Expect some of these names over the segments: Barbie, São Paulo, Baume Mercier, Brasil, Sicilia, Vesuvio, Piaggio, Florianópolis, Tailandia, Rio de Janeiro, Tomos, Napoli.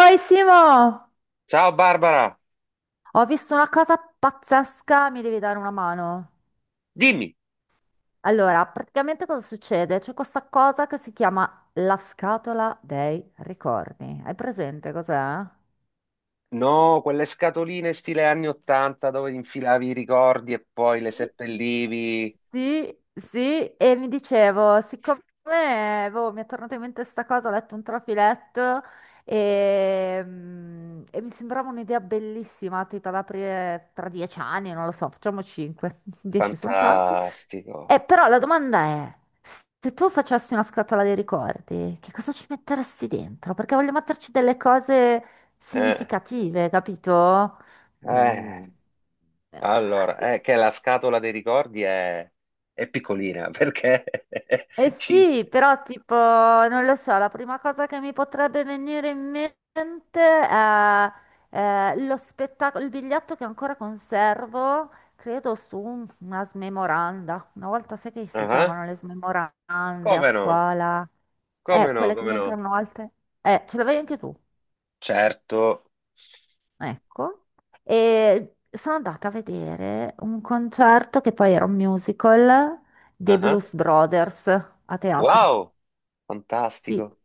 Oi Simo, Ciao Barbara, ho visto una cosa pazzesca, mi devi dare una mano. dimmi. Allora, praticamente cosa succede? C'è questa cosa che si chiama la scatola dei ricordi. Hai presente cos'è? No, quelle scatoline stile anni 80 dove infilavi i ricordi e poi le Sì, seppellivi. sì, sì, e mi dicevo, siccome boh, mi è tornata in mente sta cosa, ho letto un trafiletto e mi sembrava un'idea bellissima, tipo ad aprire tra 10 anni, non lo so, facciamo cinque, dieci sono tanti. Fantastico. Però la domanda è, se tu facessi una scatola dei ricordi, che cosa ci metteresti dentro? Perché voglio metterci delle cose Eh, significative, capito? Mm. eh, Allora, è che la scatola dei ricordi è piccolina perché Eh ci... sì, però tipo, non lo so, la prima cosa che mi potrebbe venire in mente è, lo spettacolo, il biglietto che ancora conservo, credo su una smemoranda. Una volta sai che si Ah, usavano le smemorande a come no? scuola, Come no? quelle che Come no? diventavano alte. Ce l'avevi anche tu, Certo. ecco. E sono andata a vedere un concerto che poi era un musical dei Ah, Blues Brothers a teatro. wow, Sì. fantastico.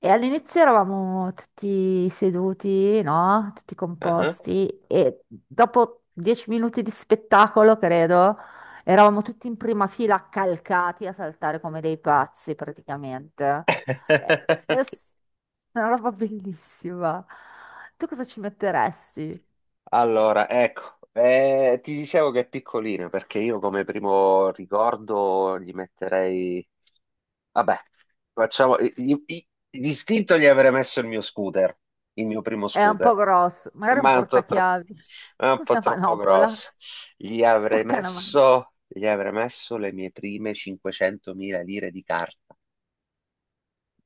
E all'inizio eravamo tutti seduti, no? Tutti Ah. composti e dopo 10 minuti di spettacolo, credo, eravamo tutti in prima fila accalcati a saltare come dei pazzi praticamente. È è s- una roba bellissima. Tu cosa ci metteresti? Allora, ecco, ti dicevo che è piccolino perché io come primo ricordo gli metterei... Vabbè, facciamo... D'istinto gli avrei messo il mio scooter, il mio primo È un po' scooter, grosso, magari un ma è un po' troppo, portachiavi, è un po' una troppo manopola, grosso. Gli avrei stacca la mano. messo, gli avrei messo le mie prime 500.000 lire di carta.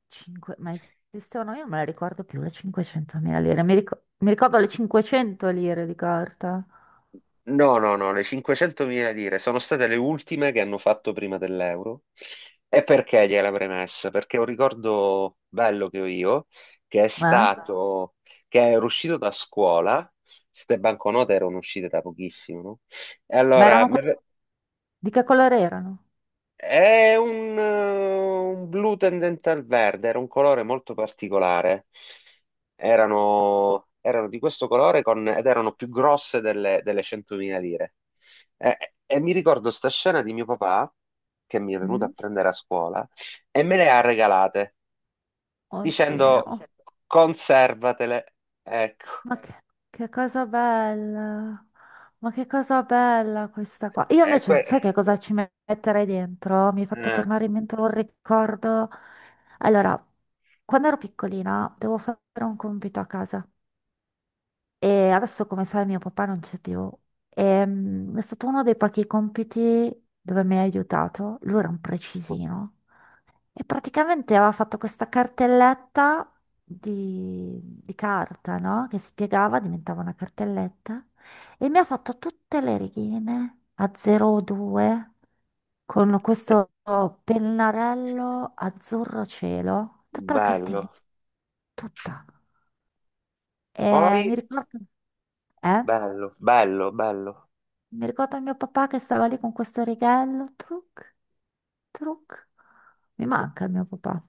Ma esistevano? Io non me la ricordo più, le 500.000 lire. Mi ricordo le 500 lire di carta. No, no, no, le 500.000 lire sono state le ultime che hanno fatto prima dell'euro. E perché gliela avrei messa? Perché è un ricordo bello che ho io, che è Ma, stato, che ero uscito da scuola, queste banconote erano uscite da pochissimo, no? E ma allora erano quelle. Di che colore erano? è un blu tendente al verde, era un colore molto particolare. Erano di questo colore, ed erano più grosse delle 100.000 lire. E mi ricordo sta scena di mio papà che mi è venuto a Mm? prendere a scuola e me le ha regalate dicendo Oddio. conservatele. Ecco. Ma che cosa bella. Ma che cosa bella questa qua. Io E invece, que- sai che cosa ci metterei dentro? Mi hai fatto eh. tornare in mente un ricordo. Allora, quando ero piccolina, dovevo fare un compito a casa. E adesso, come sai, mio papà non c'è più. È stato uno dei pochi compiti dove mi ha aiutato. Lui era un precisino. E praticamente aveva fatto questa cartelletta di carta, no? Che spiegava, diventava una cartelletta. E mi ha fatto tutte le righine a 02 con questo pennarello azzurro cielo. Tutta la cartellina, Bello. tutta. E mi Poi, ricordo. Eh? bello, bello, bello. Mi ricordo mio papà che stava lì con questo righello, truc, truc. Mi manca il mio papà.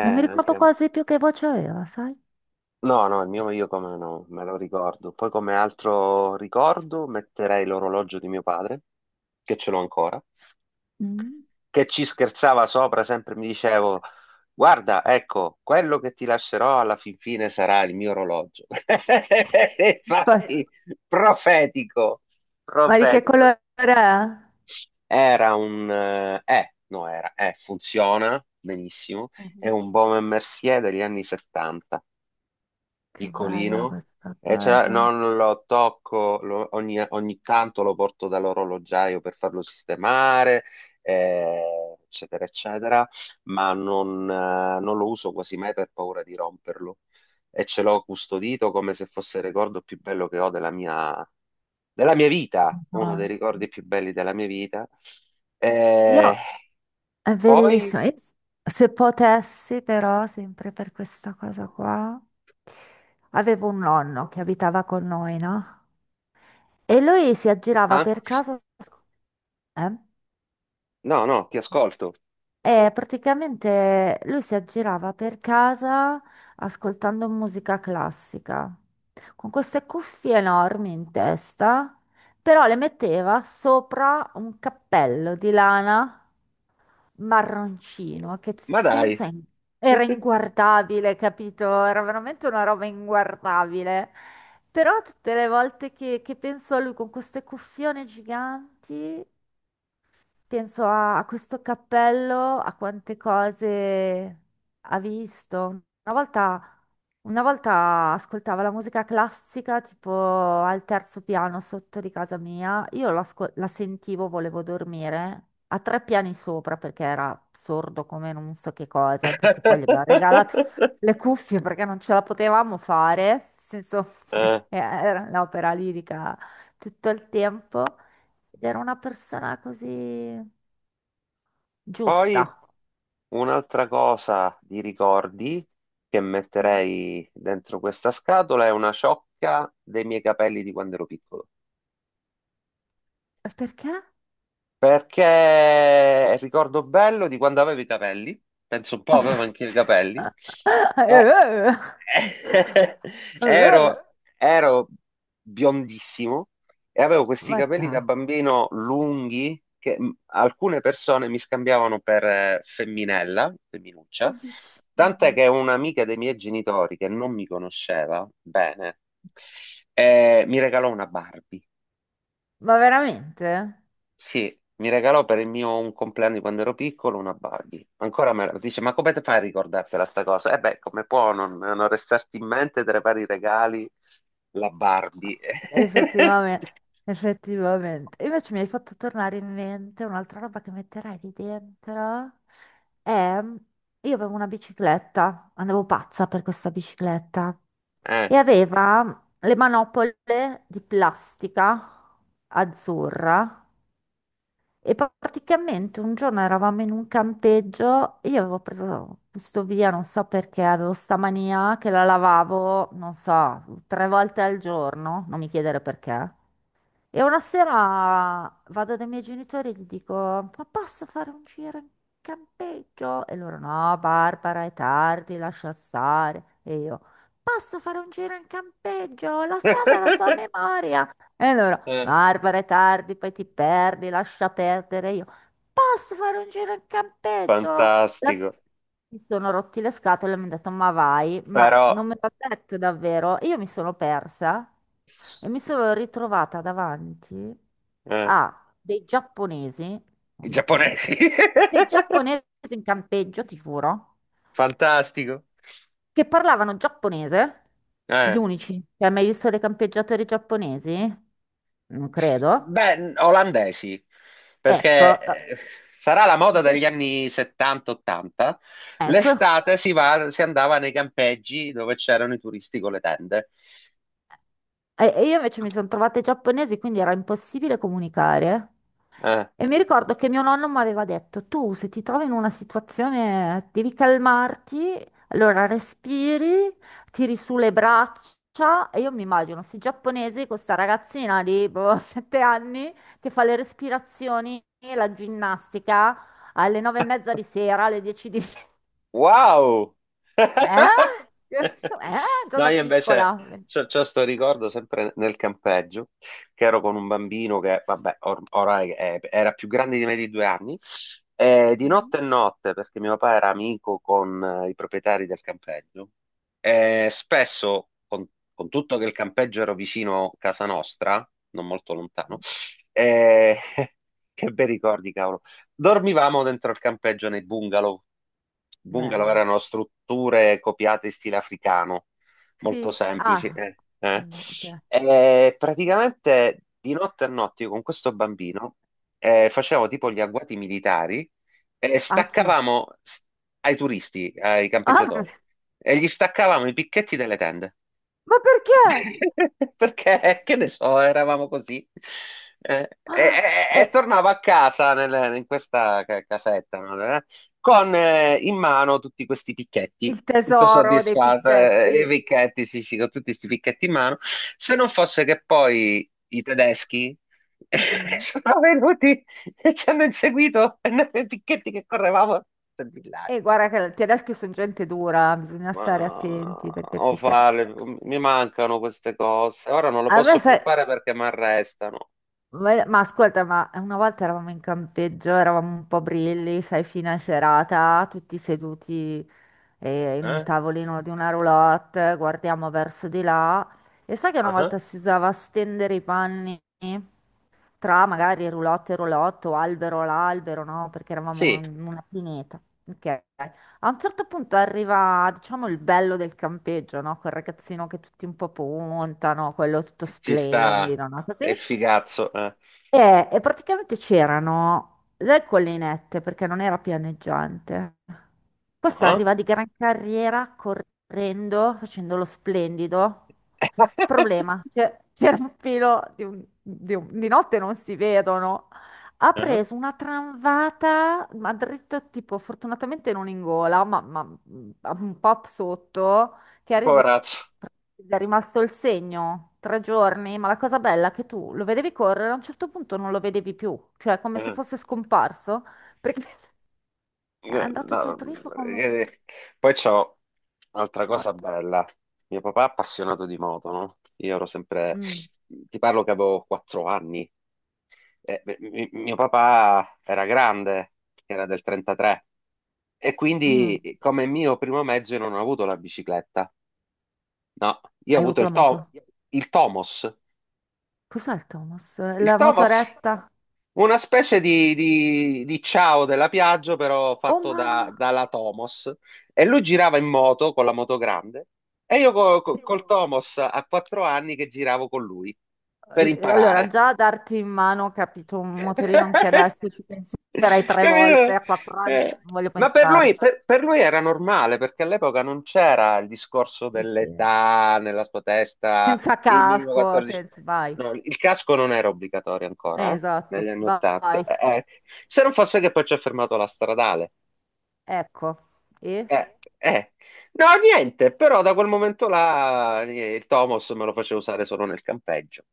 Non mi ricordo anche... quasi più che voce aveva, sai? No, no, il mio io come no, me lo ricordo. Poi come altro ricordo metterei l'orologio di mio padre, che ce l'ho ancora, Mm. che ci scherzava sopra, sempre mi dicevo, guarda, ecco, quello che ti lascerò alla fin fine sarà il mio orologio. Poi- Infatti, profetico, Ma di che profetico. colore è? Era un... No, funziona benissimo, è Mhm. un Baume Mercier degli anni 70. Che bella Piccolino. questa No, cosa. non lo tocco, ogni tanto lo porto dall'orologiaio per farlo sistemare, eccetera, eccetera, ma non lo uso quasi mai per paura di romperlo. E ce l'ho custodito come se fosse il ricordo più bello che ho della mia vita, uno dei Madonna. ricordi più belli della mia vita. Eh, Io è poi, bellissimo. Se potessi, però, sempre per questa cosa qua, avevo un nonno che abitava con noi, no? E lui si aggirava ah, per casa. Eh? no, no, ti ascolto. E praticamente lui si aggirava per casa ascoltando musica classica, con queste cuffie enormi in testa, però le metteva sopra un cappello di lana marroncino, che se Ma ci dai. pensa era inguardabile, capito? Era veramente una roba inguardabile. Però tutte le volte che penso a lui con queste cuffione giganti. Penso a questo cappello, a quante cose ha visto. Una volta, una volta ascoltava la musica classica tipo al terzo piano sotto di casa mia. Io la sentivo, volevo dormire a tre piani sopra perché era sordo come non so che cosa. Infatti poi gli abbiamo regalato le cuffie perché non ce la potevamo fare. Nel senso, Eh, era l'opera lirica tutto il tempo. Ed era una persona così poi giusta. un'altra cosa di ricordi che Mm. metterei dentro questa scatola è una ciocca dei miei capelli di quando ero piccolo. Perché? Perché è il ricordo bello di quando avevo i capelli, penso un po' avevo anche i capelli. Eh, eh, Ero, ero biondissimo e avevo questi Ma capelli dai, da bambino lunghi che alcune persone mi scambiavano per femminella, ma femminuccia, tant'è vicino. che un'amica dei miei genitori che non mi conosceva bene mi regalò una Barbie. Ma veramente? Sì, mi regalò per il mio un compleanno di quando ero piccolo una Barbie. Ancora me la dice, ma come te fai a ricordartela sta cosa? E beh, come può non restarti in mente tra i vari regali la Barbie? Effettivamente, effettivamente. Invece mi hai fatto tornare in mente un'altra roba che metterai lì dentro. È. Io avevo una bicicletta, andavo pazza per questa bicicletta Eh. e aveva le manopole di plastica azzurra. E praticamente un giorno eravamo in un campeggio e io avevo preso questo via, non so perché, avevo sta mania che la lavavo, non so, tre volte al giorno, non mi chiedere perché. E una sera vado dai miei genitori e gli dico, ma posso fare un giro in campeggio? E loro, no, Barbara, è tardi, lascia stare. E io, posso fare un giro in campeggio? La strada è la so a memoria. E loro, Eh. Barbara, è tardi, poi ti perdi, lascia perdere. Posso fare un giro in campeggio? Alla fine Fantastico. mi sono rotti le scatole e mi hanno detto, ma vai, ma Però, non me l'ha detto davvero. Io mi sono persa e mi sono ritrovata davanti eh, a dei giapponesi, i non mi chiedere giapponesi. perché, dei giapponesi in campeggio, ti giuro, Fantastico. che parlavano giapponese, gli Eh. unici. Cioè, hai mai visto dei campeggiatori giapponesi? Non credo. Beh, olandesi, perché Ecco, eh, sarà la moda eh, degli anni 70-80. ecco, L'estate si andava nei campeggi dove c'erano i turisti con le tende. E io invece mi sono trovata ai giapponesi, quindi era impossibile comunicare. Eh. E mi ricordo che mio nonno mi aveva detto, tu se ti trovi in una situazione devi calmarti, allora respiri, tiri su le braccia. E io mi immagino questi giapponesi, questa ragazzina di boh, 7 anni che fa le respirazioni e la ginnastica alle 9:30 di sera, alle 10 di sera. Wow! Eh? Eh? Già No, da io invece piccola. c'ho sto ricordo sempre nel campeggio, che ero con un bambino che, vabbè, orai era più grande di me di 2 anni, e di Mm, notte e notte, perché mio papà era amico con i proprietari del campeggio, e spesso, con tutto che il campeggio era vicino a casa nostra, non molto lontano, mm. eh, che bei ricordi, dormivamo dentro il campeggio nei bungalow. Bungalow Belli. erano strutture copiate in stile africano, Sì, molto sì. semplici. Ah, non è- ok. E praticamente di notte a notte io con questo bambino facevo tipo gli agguati militari e A chi? Ai turisti, ai Ah, campeggiatori, e gli staccavamo i picchetti delle tende. ma perché? Perché, che ne so, eravamo così. Eh, e, Ah, e è tornavo a casa, in questa casetta, no? Con in mano tutti questi picchetti, il tutto tesoro dei soddisfatto, i picchetti. picchetti, sì, sì, con tutti questi picchetti in mano. Se non fosse che poi i tedeschi Mm. sono venuti e ci hanno inseguito e noi con i picchetti che correvamo nel E villaggio. guarda che i tedeschi sono gente dura, bisogna Ma stare attenti perché, o perché. farle, mi mancano queste cose. Ora non lo A me, posso più sai, fare perché mi arrestano. ma ascolta, ma una volta eravamo in campeggio, eravamo un po' brilli, sai, fine serata, tutti seduti in un Eh? tavolino di una roulotte, guardiamo verso di là. E sai che una volta Ah. si usava stendere i panni? Tra magari roulotte e roulotte o albero all'albero, no? Perché eravamo Sì, in una pineta. Ok. A un certo punto arriva, diciamo, il bello del campeggio, no? Quel ragazzino che tutti un po' puntano, quello tutto ci sta, splendido, no? è il Così. figazzo. E praticamente c'erano le collinette perché non era pianeggiante. Questo Ah. arriva di gran carriera correndo, facendo lo splendido. Problema, c'era un filo di notte non si vedono. Ha Ah. preso una tramvata, ma dritto tipo, fortunatamente non in gola, un po' sotto che arri- Poverazzo. è rimasto il segno, 3 giorni, ma la cosa bella è che tu lo vedevi correre, a un certo punto non lo vedevi più, cioè come se Eh. fosse scomparso, perché è Eh, andato giù no, dritto come eh, poi c'ho un'altra cosa morto. bella. Mio papà è appassionato di moto, no? Io ero sempre... Mm, Ti parlo che avevo 4 anni. Beh, mio papà era grande, era del 33, e mm. quindi come mio primo mezzo io non ho avuto la bicicletta. No, io ho Hai avuto avuto la moto? Il Tomos. Cos'è il Thomas? Il La Thomas, motoretta? una specie di ciao della Piaggio, però Oh fatto mamma! dalla Tomos. E lui girava in moto con la moto grande e io Eh, col Tomos a 4 anni che giravo con lui per Allora, imparare. già a darti in mano, ho capito, un motorino anche adesso ci penserei tre volte, Capito? a quattro Eh, anni, non voglio Ma per lui, pensarci. Per lui era normale perché all'epoca non c'era il discorso Eh sì. dell'età nella sua testa, Senza il minimo casco, 14. senza, vai. No, il casco non era obbligatorio ancora, Esatto, negli anni 80. vai. Se non fosse che poi ci ha fermato la stradale. Ecco. E? Eh, eh. No, niente, però da quel momento là il Tomos me lo faceva usare solo nel campeggio,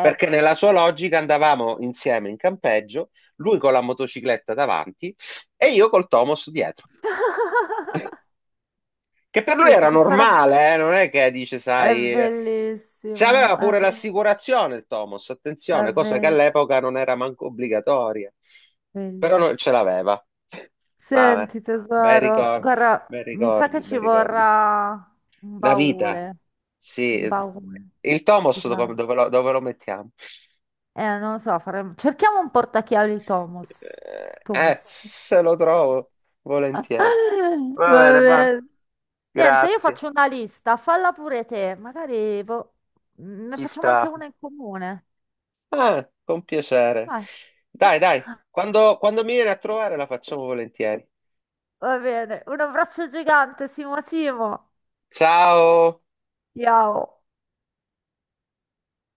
perché nella sua logica andavamo insieme in campeggio, lui con la motocicletta davanti e io col Tomos dietro, che per lui Senti, era questa roba normale, non è che dice, è sai, bellissimo, c'aveva pure l'assicurazione il Tomos, è attenzione, cosa che be- all'epoca non era manco obbligatoria, però non ce bellissimo. l'aveva. Vabbè, Senti, bei tesoro, ricordi, guarda, bei mi sa che ricordi, bei ci ricordi. vorrà un Una baule, vita, un sì. baule Il Tomos gigante. Dove lo mettiamo? Non lo so, faremo... cerchiamo un portachiavi Thomas. Eh, eh, Thomas. se lo trovo, volentieri. Va Va bene, va. bene. Niente, io faccio Grazie. una lista, falla pure te, magari boh, ne Ci facciamo sta. anche una in comune. Ah, con piacere. Dai. Dai, dai, quando mi viene a trovare la facciamo volentieri. Va bene, un abbraccio gigante, Simo Simo. Ciao. Ciao.